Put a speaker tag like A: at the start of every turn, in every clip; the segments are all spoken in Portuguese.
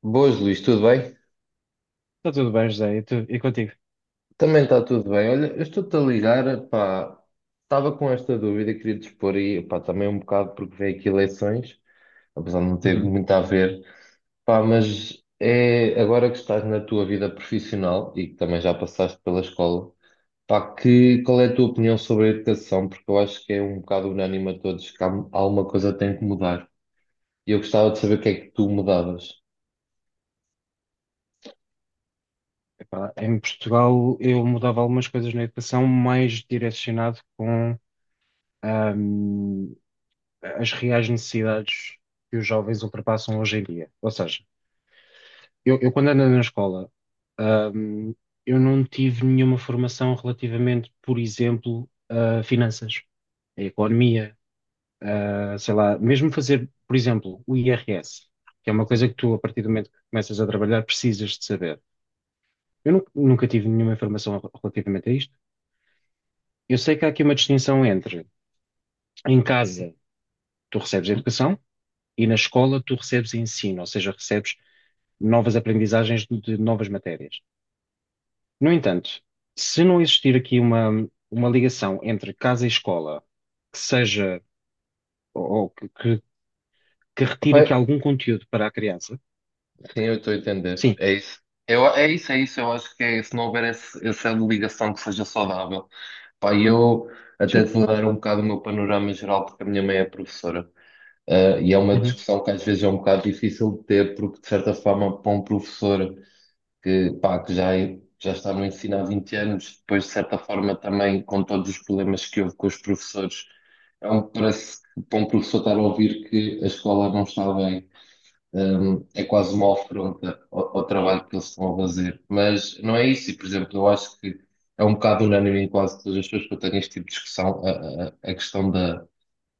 A: Boas, Luís, tudo bem?
B: Está tudo bem, José, e contigo?
A: Também está tudo bem. Olha, eu estou-te a ligar, pá, estava com esta dúvida, queria te expor aí, pá, também um bocado porque veio aqui eleições, apesar de não ter
B: Uhum.
A: muito a ver, pá, mas é agora que estás na tua vida profissional e que também já passaste pela escola, pá, que, qual é a tua opinião sobre a educação? Porque eu acho que é um bocado unânime a todos que há uma coisa que tem que mudar. E eu gostava de saber o que é que tu mudavas.
B: Epá, em Portugal eu mudava algumas coisas na educação mais direcionado com ahm, as reais necessidades que os jovens ultrapassam hoje em dia. Ou seja, eu quando andei na escola, ahm, eu não tive nenhuma formação relativamente, por exemplo, a finanças, a economia, sei lá, mesmo fazer, por exemplo, o IRS, que é uma coisa que tu, a partir do momento que começas a trabalhar, precisas de saber. Eu nunca tive nenhuma informação relativamente a isto. Eu sei que há aqui uma distinção entre em casa tu recebes educação e na escola tu recebes ensino, ou seja, recebes novas aprendizagens de novas matérias. No entanto, se não existir aqui uma ligação entre casa e escola que seja ou que retire aqui
A: Sim.
B: algum conteúdo para a criança.
A: Sim, eu estou a entender.
B: Sim,
A: É isso. Eu, é isso, é isso. Eu acho que é, se não houver essa ligação que seja saudável. Pá, e eu até
B: sim,
A: te vou dar um bocado o meu panorama geral, porque a minha mãe é professora. Ah, e é uma
B: uhum,
A: discussão que às vezes é um bocado difícil de ter, porque de certa forma, para um professor que, pá, já está no ensino há 20 anos, depois de certa forma também com todos os problemas que houve com os professores, é um, parece que para um professor estar a ouvir que a escola não está bem é quase uma afronta ao trabalho que eles estão a fazer. Mas não é isso, e por exemplo, eu acho que é um bocado unânime em quase todas as pessoas que eu tenho este tipo de discussão, a questão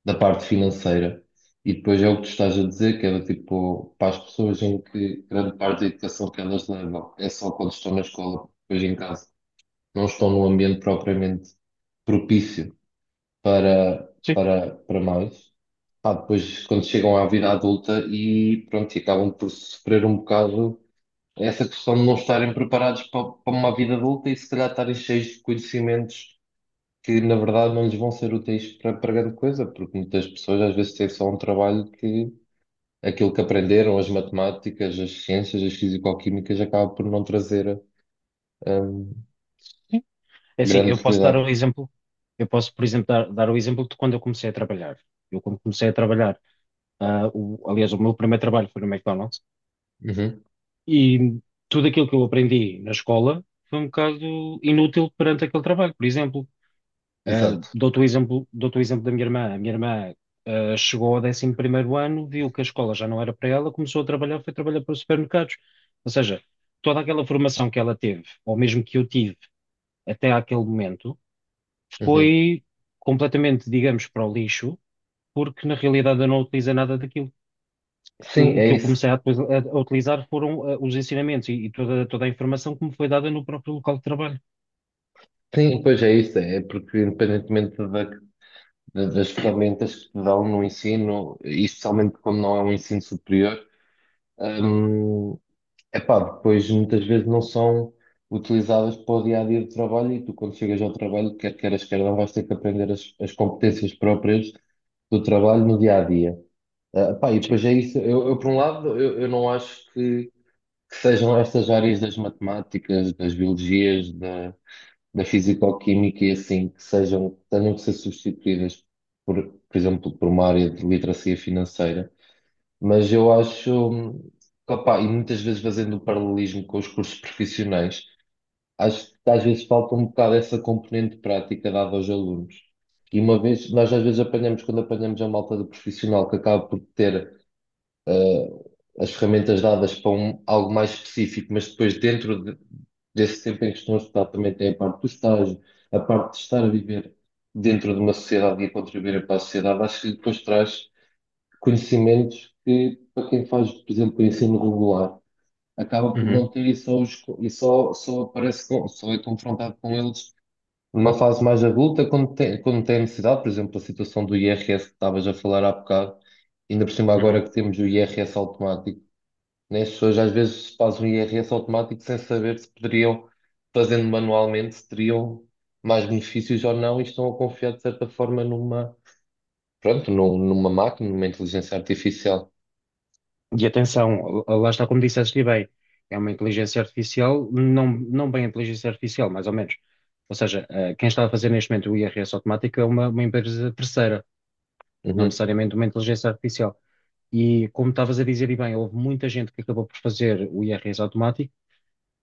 A: da parte financeira. E depois é o que tu estás a dizer, que é do tipo, para as pessoas em que grande parte da educação que elas levam é só quando estão na escola, depois em casa, não estão num ambiente propriamente propício
B: sim,
A: para mais. Pá, depois, quando chegam à vida adulta e pronto, e acabam por sofrer um bocado essa questão de não estarem preparados para uma vida adulta e se calhar estarem cheios de conhecimentos que na verdade não lhes vão ser úteis para grande coisa, porque muitas pessoas às vezes têm só um trabalho que aquilo que aprenderam, as matemáticas, as ciências, as fisicoquímicas, acaba por não trazer hum,
B: sim. É assim,
A: grande
B: eu posso dar
A: utilidade.
B: o exemplo, eu posso, por exemplo, dar o exemplo de quando eu comecei a trabalhar. Eu, quando comecei a trabalhar, ah, aliás, o meu primeiro trabalho foi no McDonald's
A: Uhum,
B: e tudo aquilo que eu aprendi na escola foi um bocado inútil perante aquele trabalho. Por exemplo, ah,
A: exato.
B: dou-te o exemplo da minha irmã. A minha irmã, ah, chegou ao décimo primeiro ano, viu que a escola já não era para ela, começou a trabalhar, foi trabalhar para os supermercados. Ou seja, toda aquela formação que ela teve, ou mesmo que eu tive até àquele momento,
A: Uhum.
B: foi completamente, digamos, para o lixo, porque na realidade eu não utilizei nada daquilo. eu-
A: Sim,
B: o
A: é
B: que eu
A: isso.
B: comecei a, depois a utilizar foram os ensinamentos e toda a informação que me foi dada no próprio local de trabalho.
A: Sim, pois é isso, é porque independentemente das ferramentas que te dão no ensino, e especialmente quando não é um ensino superior, hum, epá, depois muitas vezes não são utilizadas para o dia a dia do trabalho e tu, quando chegas ao trabalho, quer queiras, quer não, vais ter que aprender as competências próprias do trabalho no dia a dia. Ah, pá, e
B: Sim.
A: depois é isso. Por um lado, eu não acho que sejam estas áreas das matemáticas, das biologias, da fisicoquímica e assim que sejam, tenham que ser substituídas por, por exemplo, por uma área de literacia financeira. Mas eu acho, que, opá, e muitas vezes fazendo o paralelismo com os cursos profissionais, acho que às vezes falta um bocado essa componente prática dada aos alunos. E uma vez, nós às vezes apanhamos, quando apanhamos a malta do profissional que acaba por ter ah, as ferramentas dadas para algo mais específico, mas depois desse tempo em que estão a estudar também tem a parte do estágio, a parte de estar a viver dentro de uma sociedade e a contribuir para a sociedade, acho que depois traz conhecimentos que para quem faz, por exemplo, ensino regular, acaba por
B: Uhum,
A: não ter e só, só aparece, só é confrontado com eles numa fase mais adulta, quando tem necessidade, por exemplo, a situação do IRS que estavas a falar há bocado, ainda por cima agora
B: uhum.
A: que temos o IRS automático, né? As pessoas às vezes fazem um IRS automático sem saber se poderiam, fazendo manualmente, se teriam mais benefícios ou não e estão a confiar de certa forma numa, pronto, numa máquina, numa inteligência artificial.
B: E atenção, lá está, como disseste e bem, é uma inteligência artificial, não, não bem inteligência artificial, mais ou menos. Ou seja, quem está a fazer neste momento o IRS automático é uma empresa terceira, não
A: Uhum.
B: necessariamente uma inteligência artificial. E como estavas a dizer, e bem, houve muita gente que acabou por fazer o IRS automático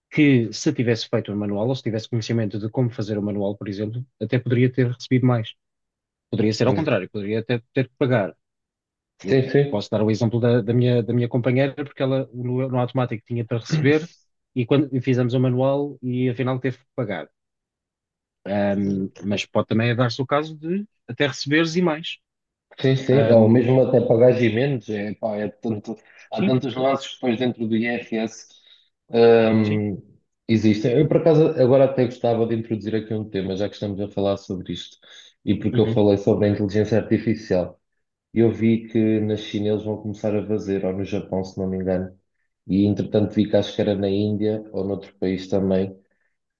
B: que, se tivesse feito o manual ou se tivesse conhecimento de como fazer o manual, por exemplo, até poderia ter recebido mais. Poderia ser ao contrário, poderia até ter que pagar. Eu
A: Sim, sim.
B: posso dar o exemplo da, da minha companheira, porque ela no, no automático tinha para receber e quando e fizemos o manual e afinal teve que pagar. Mas pode também dar-se o caso de até receberes e mais.
A: Sim, sim, ou
B: Ahm,
A: mesmo até pagás e menos, é, pá, é tanto, há
B: sim,
A: tantos lances depois dentro do IRS
B: sim.
A: hum, existem. Eu, por acaso, agora até gostava de introduzir aqui um tema, já que estamos a falar sobre isto, e porque eu
B: Uhum.
A: falei sobre a inteligência artificial. E eu vi que na China eles vão começar a fazer, ou no Japão, se não me engano. E entretanto vi que acho que era na Índia ou noutro país também.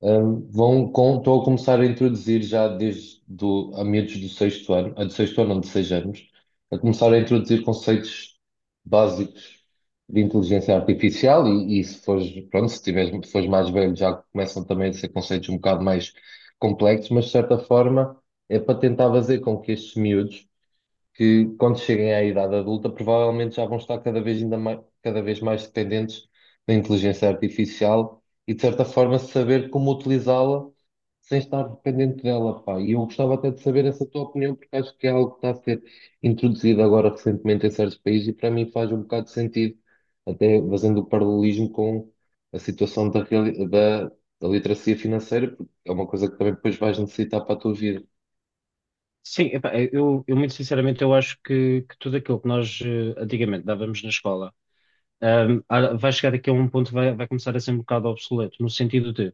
A: Estão a começar a introduzir já desde do, a meados do sexto ano, a do sexto ano, não, de seis anos, a começar a introduzir conceitos básicos de inteligência artificial e se fores, pronto, se tiveres, se fores mais velho já começam também a ser conceitos um bocado mais complexos, mas de certa forma é para tentar fazer com que estes miúdos que quando cheguem à idade adulta provavelmente já vão estar cada vez mais dependentes da inteligência artificial e de certa forma saber como utilizá-la sem estar dependente dela, pá. E eu gostava até de saber essa tua opinião porque acho que é algo que está a ser introduzido agora recentemente em certos países e para mim faz um bocado de sentido, até fazendo o paralelismo com a situação da literacia financeira, porque é uma coisa que também depois vais necessitar para a tua vida.
B: Sim, epá, eu muito sinceramente eu acho que tudo aquilo que nós antigamente dávamos na escola vai chegar aqui a um ponto que vai começar a ser um bocado obsoleto, no sentido de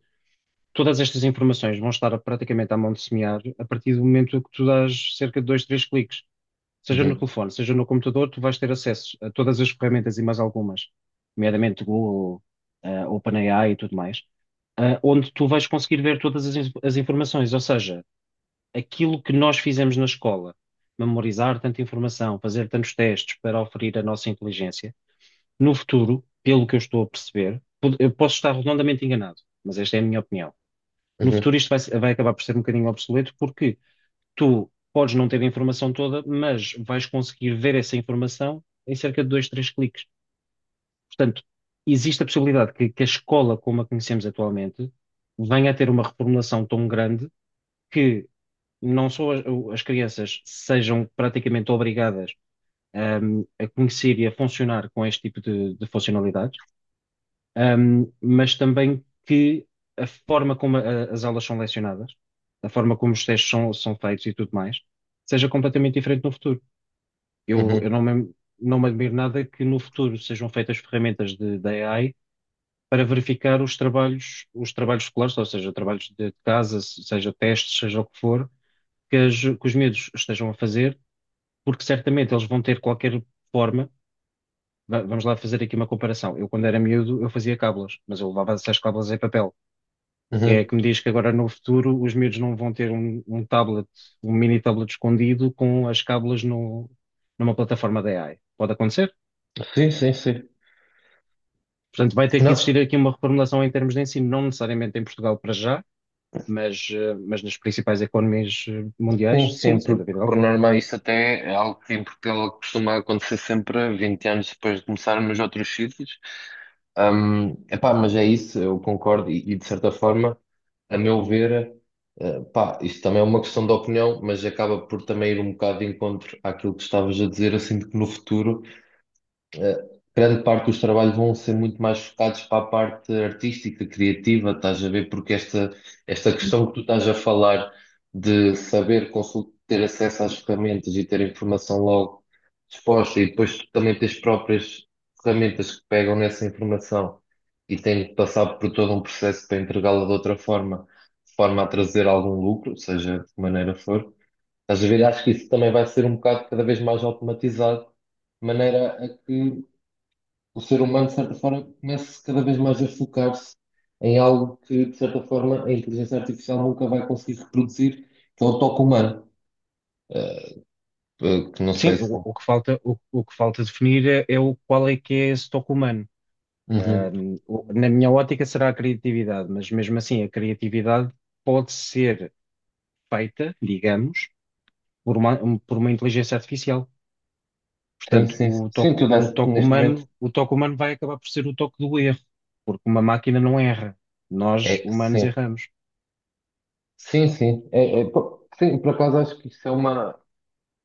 B: todas estas informações vão estar praticamente à mão de semear a partir do momento que tu dás cerca de dois, três cliques, seja no
A: Uhum,
B: telefone, seja no computador. Tu vais ter acesso a todas as ferramentas e mais algumas, nomeadamente Google, OpenAI e tudo mais, onde tu vais conseguir ver todas as informações. Ou seja, aquilo que nós fizemos na escola, memorizar tanta informação, fazer tantos testes para oferir a nossa inteligência no futuro, pelo que eu estou a perceber, eu posso estar redondamente enganado, mas esta é a minha opinião. No
A: uhum,
B: futuro, isto vai, se- vai acabar por ser um bocadinho obsoleto, porque tu podes não ter a informação toda, mas vais conseguir ver essa informação em cerca de dois, três cliques. Portanto, existe a possibilidade que a escola, como a conhecemos atualmente, venha a ter uma reformulação tão grande que não só as crianças sejam praticamente obrigadas, a conhecer e a funcionar com este tipo de funcionalidades, mas também que a forma como as aulas são lecionadas, a forma como os testes são feitos e tudo mais, seja completamente diferente no futuro. Eu
A: uhum,
B: não me admiro nada que no futuro sejam feitas ferramentas de, da AI para verificar os trabalhos escolares, ou seja, trabalhos de casa, seja testes, seja o que for, que os miúdos estejam a fazer, porque certamente eles vão ter qualquer forma. Vamos lá fazer aqui uma comparação. Eu, quando era miúdo, eu fazia cábulas, mas eu levava essas cábulas em papel. Quem é
A: uhum.
B: que me diz que agora no futuro os miúdos não vão ter um tablet, um mini tablet escondido com as cábulas no, numa plataforma da AI? Pode acontecer.
A: Sim, sim, sim.
B: Portanto, vai ter que
A: Não,
B: existir aqui uma reformulação em termos de ensino, não necessariamente em Portugal para já, mas, mas nas principais economias
A: sim,
B: mundiais, sim,
A: sempre.
B: sem
A: Por
B: dúvida
A: por
B: alguma.
A: norma, isso até é algo que em Portugal costuma acontecer sempre 20 anos depois de começar nos outros sítios. Epá, mas é isso, eu concordo, e de certa forma, a meu ver, eh, pá, isto também é uma questão de opinião, mas acaba por também ir um bocado de encontro àquilo que estavas a dizer, assim, de que no futuro. Eh, grande parte dos trabalhos vão ser muito mais focados para a parte artística, criativa, estás a ver? Esta questão que tu estás a falar de saber ter acesso às ferramentas e ter a informação logo disposta e depois também ter as próprias ferramentas que pegam nessa informação e têm que passar por todo um processo para entregá-la de outra forma, de forma a trazer algum lucro, seja de que maneira for. Estás a ver? Acho que isso também vai ser um bocado cada vez mais automatizado de maneira a que o ser humano, de certa forma, começa cada vez mais a focar-se em algo que, de certa forma, a inteligência artificial nunca vai conseguir reproduzir, que é o toque humano. Eh, que não sei
B: Sim,
A: se.
B: o que falta, o que falta definir é o qual é que é esse toque humano.
A: Uhum.
B: Na minha ótica será a criatividade, mas mesmo assim a criatividade pode ser feita, digamos, por uma inteligência artificial.
A: Sim,
B: Portanto,
A: sim, sim. Sim, tu
B: o
A: desse,
B: toque
A: neste momento
B: humano, o toque humano vai acabar por ser o toque do erro, porque uma máquina não erra. Nós,
A: é
B: humanos,
A: sim.
B: erramos.
A: Sim, sim. Pô, sim, por acaso acho que isso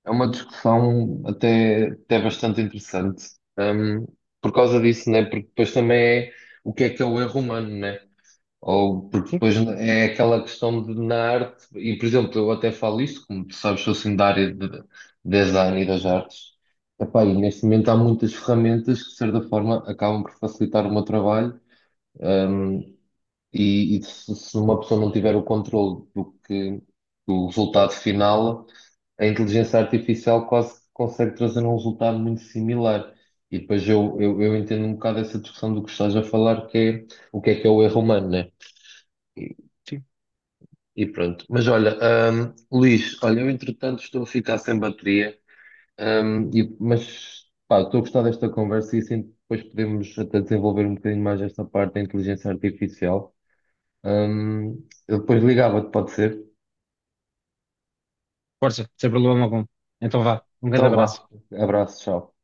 A: é uma discussão até, até bastante interessante. Hum, por causa disso, né? Porque depois também é o que é o erro humano, né? Ou porque
B: Sim,
A: depois é aquela questão de na arte, e por exemplo, eu até falo isto, como tu sabes, sou assim da área de design e das artes. Epá, e neste momento há muitas ferramentas que, de certa forma, acabam por facilitar o meu trabalho. hum, se uma pessoa não tiver o controle do resultado final, a inteligência artificial quase que consegue trazer um resultado muito similar. E depois eu entendo um bocado essa discussão do que estás a falar, que é o erro humano, né?
B: sim.
A: E pronto. Mas olha, Luís, olha, eu entretanto estou a ficar sem bateria, mas pá, estou a gostar desta conversa e assim depois podemos até desenvolver um bocadinho mais esta parte da inteligência artificial. Eu depois ligava-te, pode ser?
B: Força, sem problema algum. Então vá, um grande
A: Então
B: abraço.
A: vá, abraço, tchau.